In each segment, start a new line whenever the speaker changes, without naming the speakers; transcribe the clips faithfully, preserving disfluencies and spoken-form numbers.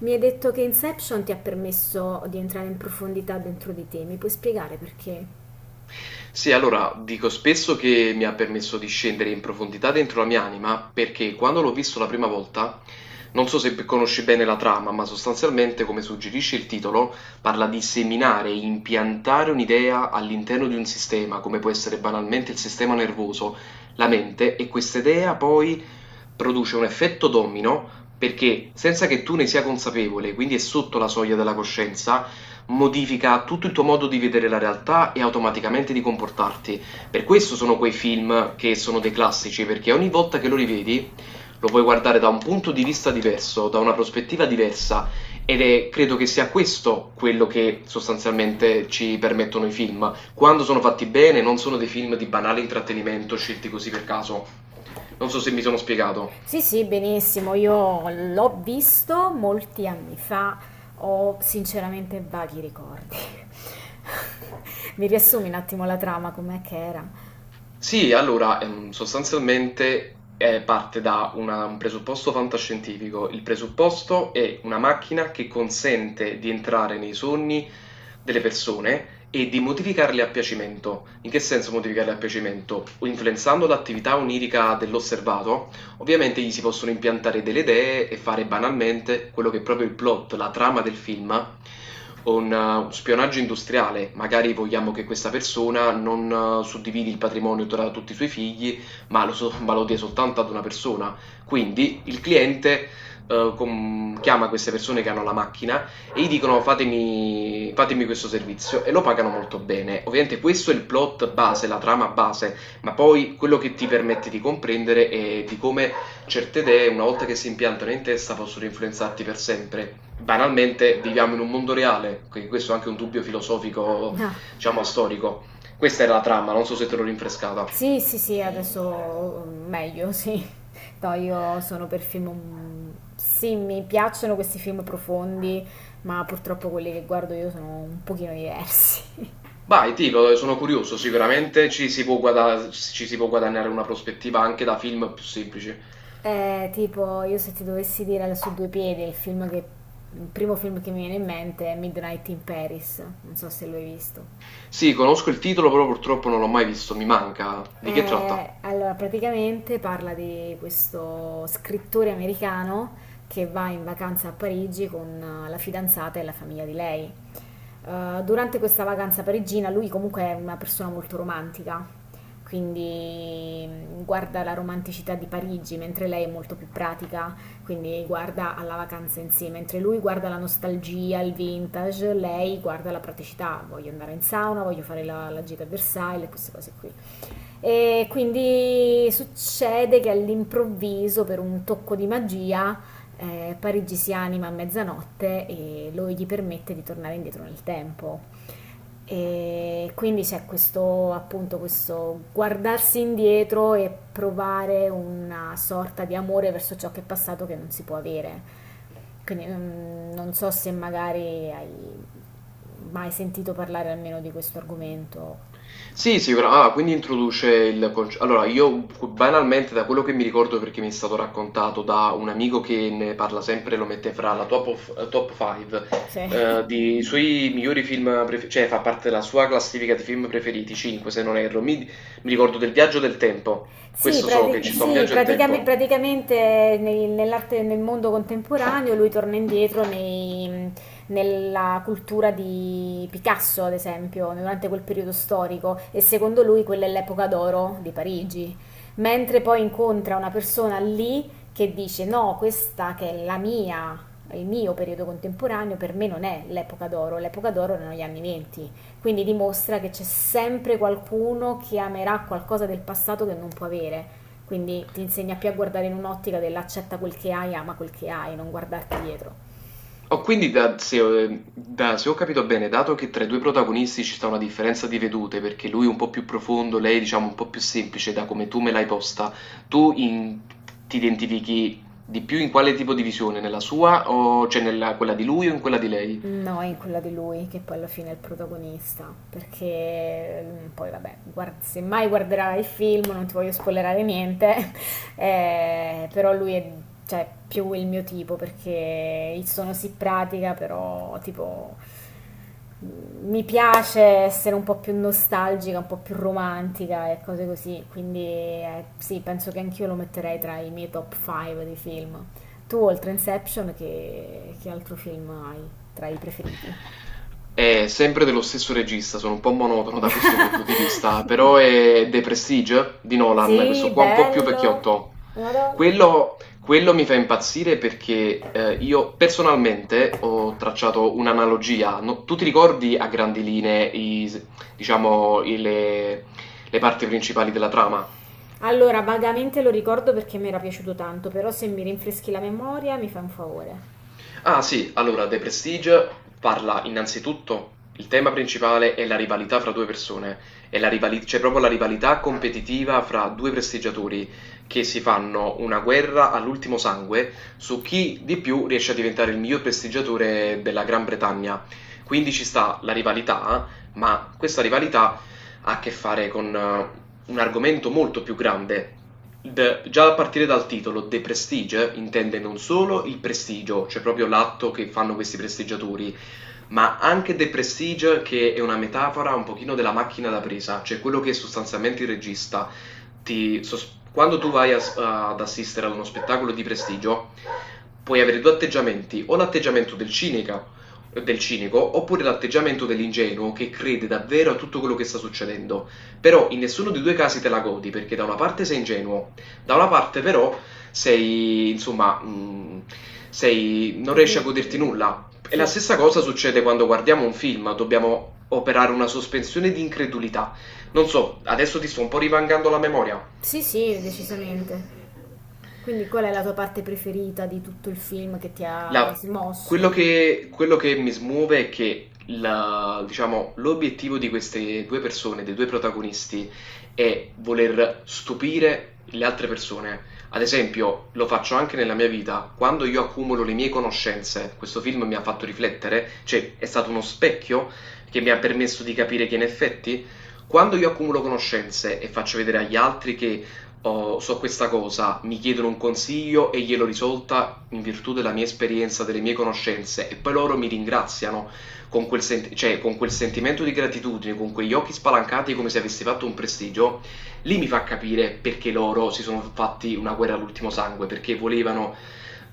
Mi hai detto che Inception ti ha permesso di entrare in profondità dentro di te, mi puoi spiegare perché?
Sì, allora dico spesso che mi ha permesso di scendere in profondità dentro la mia anima, perché quando l'ho visto la prima volta, non so se conosci bene la trama, ma sostanzialmente, come suggerisce il titolo, parla di seminare, impiantare un'idea all'interno di un sistema, come può essere banalmente il sistema nervoso, la mente, e questa idea poi produce un effetto domino perché senza che tu ne sia consapevole, quindi è sotto la soglia della coscienza, modifica tutto il tuo modo di vedere la realtà e automaticamente di comportarti. Per questo sono quei film che sono dei classici, perché ogni volta che lo rivedi lo puoi guardare da un punto di vista diverso, da una prospettiva diversa, ed è, credo che sia questo quello che sostanzialmente ci permettono i film. Quando sono fatti bene, non sono dei film di banale intrattenimento scelti così per caso. Non so se mi sono spiegato.
Sì, sì, benissimo, io l'ho visto molti anni fa, ho sinceramente vaghi ricordi. Mi riassumi un attimo la trama, com'è che era?
Sì, allora, ehm, sostanzialmente eh, parte da una- un presupposto fantascientifico. Il presupposto è una macchina che consente di entrare nei sogni delle persone e di modificarli a piacimento. In che senso modificarli a piacimento? O influenzando l'attività onirica dell'osservato, ovviamente gli si possono impiantare delle idee e fare banalmente quello che è proprio il plot, la trama del film, un, eh, un spionaggio industriale. Magari vogliamo che questa persona non eh, suddividi il patrimonio tra tutti i suoi figli, ma lo, so- ma lo dia soltanto ad una persona. Quindi il cliente eh, com- chiama queste persone che hanno la macchina e gli dicono fatemi, fatemi questo servizio e lo pagano molto bene. Ovviamente questo è il plot base, la trama base, ma poi quello che ti permette di comprendere è di come certe idee, una volta che si impiantano in testa, possono influenzarti per sempre. Banalmente, viviamo in un mondo reale, quindi questo è anche un dubbio filosofico,
No.
diciamo, storico. Questa era la trama, non so se te l'ho rinfrescata.
Sì, sì, sì, adesso mm, meglio, sì. No, io sono per film... mm, sì, mi piacciono questi film profondi, ma purtroppo quelli che guardo io sono un pochino diversi.
Vai, dico, sono curioso, sicuramente ci si può guada- ci si può guadagnare una prospettiva anche da film più semplici.
Eh, tipo, io se ti dovessi dire su due piedi, il film che, il primo film che mi viene in mente è Midnight in Paris, non so se lo hai visto.
Sì, conosco il titolo, però purtroppo non l'ho mai visto, mi manca. Di che tratta?
Eh, allora, praticamente parla di questo scrittore americano che va in vacanza a Parigi con eh, la fidanzata e la famiglia di lei. Eh, durante questa vacanza parigina lui comunque è una persona molto romantica, quindi mh, guarda la romanticità di Parigi, mentre lei è molto più pratica, quindi guarda alla vacanza in sé, mentre lui guarda la nostalgia, il vintage, lei guarda la praticità, voglio andare in sauna, voglio fare la, la gita a Versailles, queste cose qui. E quindi succede che all'improvviso, per un tocco di magia, eh, Parigi si anima a mezzanotte e lo gli permette di tornare indietro nel tempo. E quindi c'è questo, appunto, questo guardarsi indietro e provare una sorta di amore verso ciò che è passato che non si può avere. Quindi, mm, non so se magari hai mai sentito parlare almeno di questo argomento.
Sì, sicura ah, quindi introduce il conce allora io cu banalmente da quello che mi ricordo perché mi è stato raccontato da un amico che ne parla sempre, lo mette fra la top of eh, top cinque,
Cioè,
ehm, dei suoi migliori film pref cioè fa parte della sua classifica di film preferiti, cinque se non erro. Mi mi ricordo del Viaggio del tempo,
Sì,
questo so che
prati-
ci sta un
sì,
viaggio del
praticam-
tempo.
praticamente nei- nell'arte, nel mondo contemporaneo lui torna indietro nei- nella cultura di Picasso, ad esempio, durante quel periodo storico e secondo lui quella è l'epoca d'oro di Parigi. Mentre poi incontra una persona lì che dice no, questa che è la mia, il mio periodo contemporaneo, per me non è l'epoca d'oro, l'epoca d'oro erano gli anni venti. Quindi dimostra che c'è sempre qualcuno che amerà qualcosa del passato che non può avere. Quindi ti insegna più a guardare in un'ottica dell'accetta quel che hai, ama quel che hai, non guardarti dietro.
Oh, quindi da, se, ho da- se ho capito bene, dato che tra i due protagonisti ci sta una differenza di vedute, perché lui è un po' più profondo, lei diciamo un po' più semplice, da come tu me l'hai posta, tu in- ti identifichi di più in quale tipo di visione? Nella sua, o, cioè nella quella di lui o in quella di lei?
No, è quella di lui che poi alla fine è il protagonista, perché mm, poi vabbè, guard- se mai guarderai il film, non ti voglio spoilerare niente, eh, però lui è, cioè, più il mio tipo, perché il sono si pratica, però tipo mm, mi piace essere un po' più nostalgica, un po' più romantica e cose così, quindi eh, sì, penso che anch'io lo metterei tra i miei top cinque di film. Tu, oltre Inception, che che altro film hai tra i preferiti?
È sempre dello stesso regista, sono un po' monotono da questo punto di vista, però è The Prestige di Nolan,
Sì,
questo qua un po' più
bello.
vecchiotto.
Madonna.
Quello, quello mi fa impazzire perché eh, io personalmente ho tracciato un'analogia. No- tu ti ricordi a grandi linee i- diciamo, i- le le parti principali della trama?
Allora, vagamente lo ricordo perché mi era piaciuto tanto, però se mi rinfreschi la memoria mi fa un favore.
Ah sì, allora The Prestige parla innanzitutto, il tema principale è la rivalità fra due persone, è la rivali- c'è proprio la rivalità competitiva fra due prestigiatori che si fanno una guerra all'ultimo sangue su chi di più riesce a diventare il miglior prestigiatore della Gran Bretagna. Quindi ci sta la rivalità, ma questa rivalità ha a che fare con eh, un argomento molto più grande. The Già a partire dal titolo, The Prestige, intende non solo il prestigio, cioè proprio l'atto che fanno questi prestigiatori, ma anche The Prestige, che è una metafora un pochino della macchina da presa, cioè quello che sostanzialmente il regista ti... sos- quando tu vai a s- ad assistere ad uno spettacolo di prestigio, puoi avere due atteggiamenti, o l'atteggiamento del cinica, del cinico, oppure l'atteggiamento dell'ingenuo che crede davvero a tutto quello che sta succedendo. Però in nessuno dei due casi te la godi, perché da una parte sei ingenuo, da una parte però sei, insomma, mh, sei, non riesci a goderti nulla, e la
Sì,
stessa cosa succede quando guardiamo un film, dobbiamo operare una sospensione di incredulità. Non so, adesso ti sto un po' rivangando la memoria.
sì, sì, decisamente. Quindi qual è la tua parte preferita di tutto il film che ti ha
La- quello
smosso?
che, quello che mi smuove è che la- diciamo, l'obiettivo di queste due persone, dei due protagonisti, è voler stupire le altre persone. Ad esempio, lo faccio anche nella mia vita, quando io accumulo le mie conoscenze, questo film mi ha fatto riflettere, cioè è stato uno specchio che mi ha permesso di capire che in effetti, quando io accumulo conoscenze e faccio vedere agli altri che oh, so questa cosa, mi chiedono un consiglio e glielo risolta in virtù della mia esperienza, delle mie conoscenze, e poi loro mi ringraziano con quel, sent- cioè, con quel sentimento di gratitudine, con quegli occhi spalancati come se avessi fatto un prestigio, lì mi fa capire perché loro si sono fatti una guerra all'ultimo sangue, perché volevano,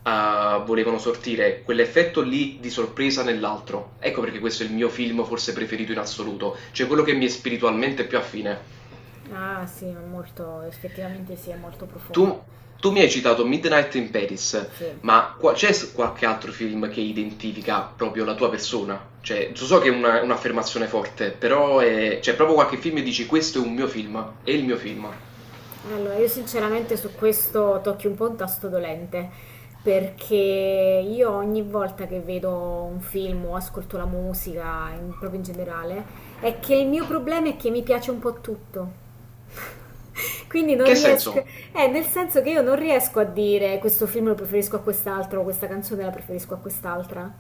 eh, volevano sortire quell'effetto lì di sorpresa nell'altro. Ecco perché questo è il mio film forse preferito in assoluto, cioè quello che mi è spiritualmente più affine.
Ah, sì, è molto, effettivamente sì, è molto
Tu
profondo.
tu mi hai citato Midnight in Paris,
Sì.
ma qua- c'è s- qualche altro film che identifica proprio la tua persona? Cioè, so so che è una- un'affermazione forte, però è- c'è proprio qualche film e dici questo è un mio film, è il mio film.
Allora, io sinceramente su questo tocchi un po' un tasto dolente, perché io ogni volta che vedo un film o ascolto la musica, in- proprio in generale, è che il mio problema è che mi piace un po' tutto. Quindi
In
non
che
riesco,
senso?
eh, nel senso che io non riesco a dire questo film lo preferisco a quest'altro, questa canzone la preferisco a quest'altra.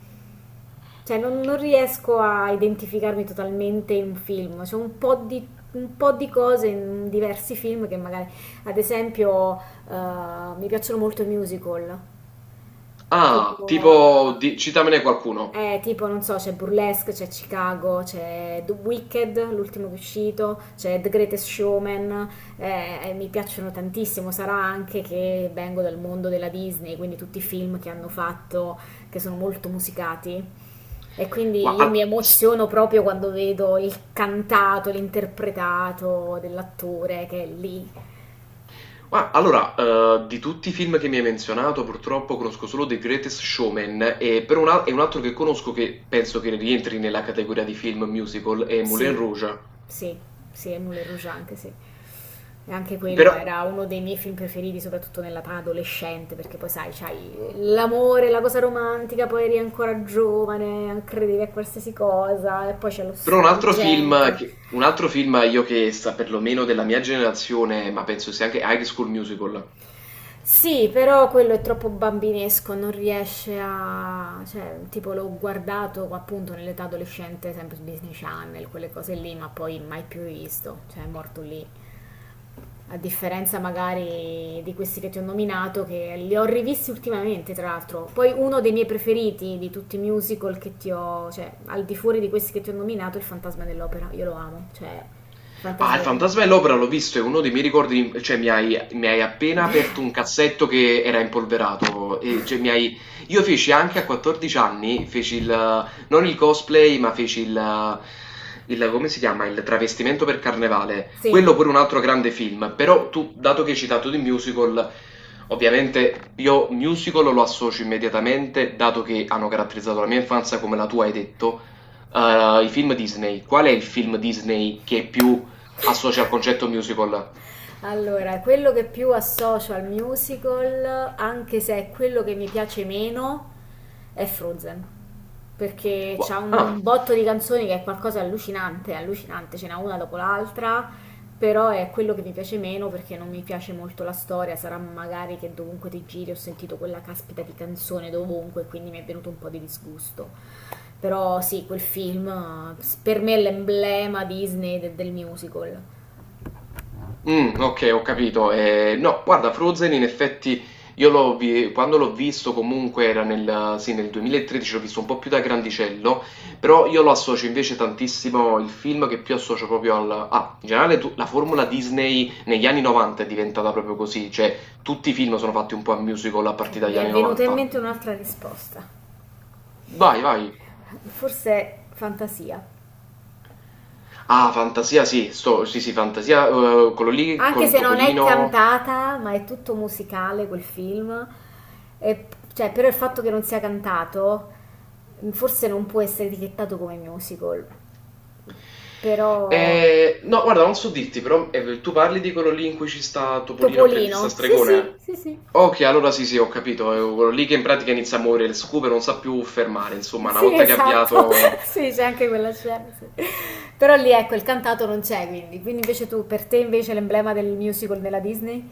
Cioè, non, non riesco a identificarmi totalmente in un film. C'è un po' di, un po' di cose in diversi film che magari, ad esempio, eh, mi piacciono molto i musical,
Ah,
tipo
tipo, di- citamene qualcuno.
eh, tipo, non so, c'è Burlesque, c'è Chicago, c'è The Wicked, l'ultimo che è uscito, c'è The Greatest Showman, eh, e mi piacciono tantissimo, sarà anche che vengo dal mondo della Disney, quindi tutti i film che hanno fatto, che sono molto musicati. E quindi
Gua-
io mi
al- s-
emoziono proprio quando vedo il cantato, l'interpretato dell'attore che è lì.
gua- allora, eh, di tutti i film che mi hai menzionato, purtroppo conosco solo The Greatest Showman e per un, al- e un altro che conosco che penso che rientri nella categoria di film musical è Moulin
Sì,
Rouge.
sì, sì, è Moulin Rouge anche, sì. E anche quello
Però
era uno dei miei film preferiti, soprattutto nell'età adolescente, perché poi sai, c'hai l'amore, la cosa romantica, poi eri ancora giovane, credevi a qualsiasi cosa, e poi c'è lo
però un altro film
struggente.
che un altro film io che sa perlomeno della mia generazione, ma penso sia anche High School Musical.
Sì, però quello è troppo bambinesco, non riesce a... cioè, tipo l'ho guardato appunto nell'età adolescente, sempre su Disney Channel, quelle cose lì, ma poi mai più rivisto, cioè è morto lì, a differenza magari di questi che ti ho nominato, che li ho rivisti ultimamente, tra l'altro. Poi uno dei miei preferiti di tutti i musical che ti ho, cioè al di fuori di questi che ti ho nominato, è Il Fantasma dell'Opera. Io lo amo, cioè, il
Ah,
Fantasma
il
del...
Fantasma dell'Opera l'ho visto, è uno dei miei ricordi, cioè mi hai, mi hai appena aperto un cassetto che era impolverato, e, cioè, mi hai- io feci anche a quattordici anni, feci il, non il cosplay, ma feci il, il- come si chiama, il travestimento per carnevale,
Sì.
quello pure un altro grande film, però tu, dato che hai citato di musical, ovviamente io musical lo associo immediatamente, dato che hanno caratterizzato la mia infanzia come la tua hai detto, eh, i film Disney, qual è il film Disney che più associa al concetto musical.
Allora, quello che più associo al musical, anche se è quello che mi piace meno, è Frozen. Perché c'ha
Gua- Ah,
un botto di canzoni che è qualcosa di allucinante, allucinante, ce n'è una dopo l'altra, però è quello che mi piace meno perché non mi piace molto la storia, sarà magari che dovunque ti giri ho sentito quella caspita di canzone dovunque, quindi mi è venuto un po' di disgusto. Però sì, quel film eh, per me è l'emblema Disney de- del musical.
mm, ok, ho capito. Eh, no, guarda, Frozen in effetti io l'ho vi- quando l'ho visto comunque era nel, sì, nel duemilatredici, l'ho visto un po' più da grandicello, però io lo associo invece tantissimo, il film che più associo proprio al... Ah, in generale tu- la formula Disney negli anni novanta è diventata proprio così, cioè tutti i film sono fatti un po' a musical a
Ok,
partire
mi
dagli
è
anni
venuta in
novanta.
mente un'altra risposta,
Vai, vai.
forse Fantasia.
Ah, Fantasia, sì, sto, sì, sì, Fantasia, eh, quello lì
Anche
con
se non è
Topolino...
cantata, ma è tutto musicale quel film, e, cioè, però il fatto che non sia cantato forse non può essere etichettato come musical, però...
Eh, no, guarda, non so dirti, però eh, tu parli di quello lì in cui ci sta Topolino apprendista
Topolino, sì sì,
stregone?
sì sì,
Ok, allora sì, sì, ho capito. È quello lì che in pratica inizia a muovere le scupe, non sa più fermare, insomma, una
sì
volta che ha
esatto,
avviato...
sì c'è anche quella scena, sì. Però lì ecco il cantato non c'è quindi, quindi invece tu, per te invece l'emblema del musical nella Disney?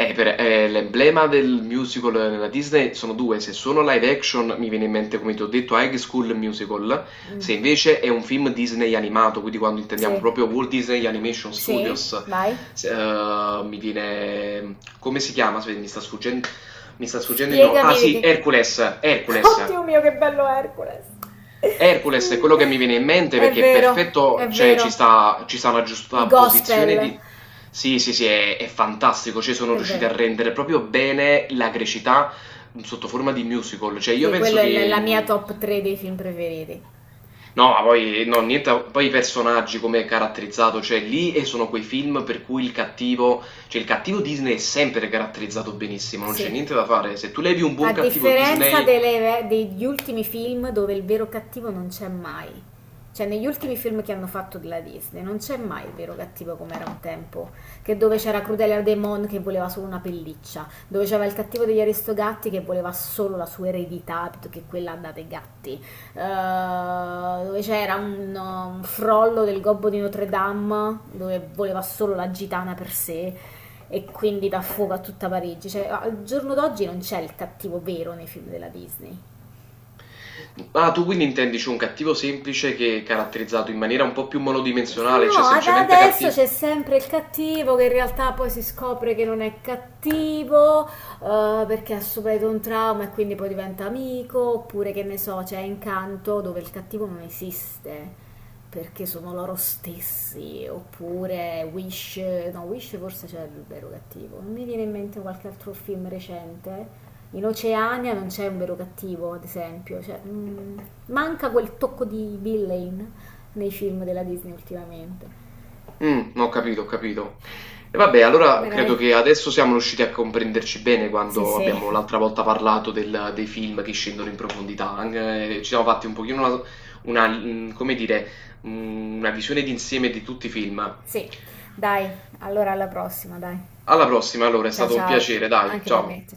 Eh, per- eh, l'emblema del musical nella Disney sono due, se sono live action mi viene in mente, come ti ho detto, High School Musical,
Mm,
se invece è un film Disney animato, quindi quando intendiamo
sì.
proprio Walt Disney Animation
Sì,
Studios,
vai.
se- eh, mi viene... come si chiama? Aspetta, mi sta sfuggendo, mi sta sfuggendo il nome. Ah
Spiegami di
sì,
che...
Hercules, Hercules.
Oddio mio, che bello Hercules.
Hercules è
Sì,
quello che mi viene in mente
è
perché è
vero, è
perfetto, cioè ci
vero.
sta, ci sta una
I
giusta posizione
gospel.
di... Sì, sì, sì, è, è fantastico, cioè sono
È
riusciti a
vero.
rendere proprio bene la grecità sotto forma di musical, cioè io
Sì,
penso
quello è la
che...
la mia
mh,
top tre dei film preferiti.
no, ma poi, no, niente, a- poi i personaggi come è caratterizzato, cioè lì e sono quei film per cui il cattivo, cioè il cattivo Disney è sempre caratterizzato benissimo, non c'è
Sì.
niente da fare, se tu levi un
A
buon cattivo
differenza
Disney.
delle- degli ultimi film dove il vero cattivo non c'è mai. Cioè, negli ultimi film che hanno fatto della Disney non c'è mai il vero cattivo come era un tempo. Che dove c'era Crudelia Demon che voleva solo una pelliccia, dove c'era il cattivo degli Aristogatti che voleva solo la sua eredità, piuttosto che quella andate gatti. Eh, dove c'era un, un frollo del gobbo di Notre Dame dove voleva solo la gitana per sé e quindi dà fuoco a tutta Parigi. Cioè, al giorno d'oggi non c'è il cattivo vero nei film della Disney.
Ah, tu quindi intendi c'è un cattivo semplice che è caratterizzato in maniera un po' più monodimensionale, cioè
No, ad-
semplicemente
adesso
cattivo?
c'è sempre il cattivo che in realtà poi si scopre che non è cattivo, eh, perché ha subito un trauma e quindi poi diventa amico, oppure che ne so, c'è Incanto dove il cattivo non esiste, perché sono loro stessi, oppure Wish, no, Wish forse c'è il vero cattivo. Non mi viene in mente qualche altro film recente. In Oceania non c'è un vero cattivo, ad esempio, cioè, mm, manca quel tocco di villain nei film della Disney ultimamente.
Mm, ho capito, ho capito. E vabbè, allora
Vabbè,
credo che
dai.
adesso siamo riusciti a comprenderci bene
Sì,
quando
sì,
abbiamo l'altra volta parlato del- dei film che scendono in profondità. Anche, eh, ci siamo fatti un pochino una, una, mm, come dire, mm, una visione d'insieme di tutti i film.
sì. Dai, allora alla prossima, dai.
Alla prossima, allora, è
Ciao
stato un
ciao,
piacere, dai,
anche per
ciao.
me, ciao.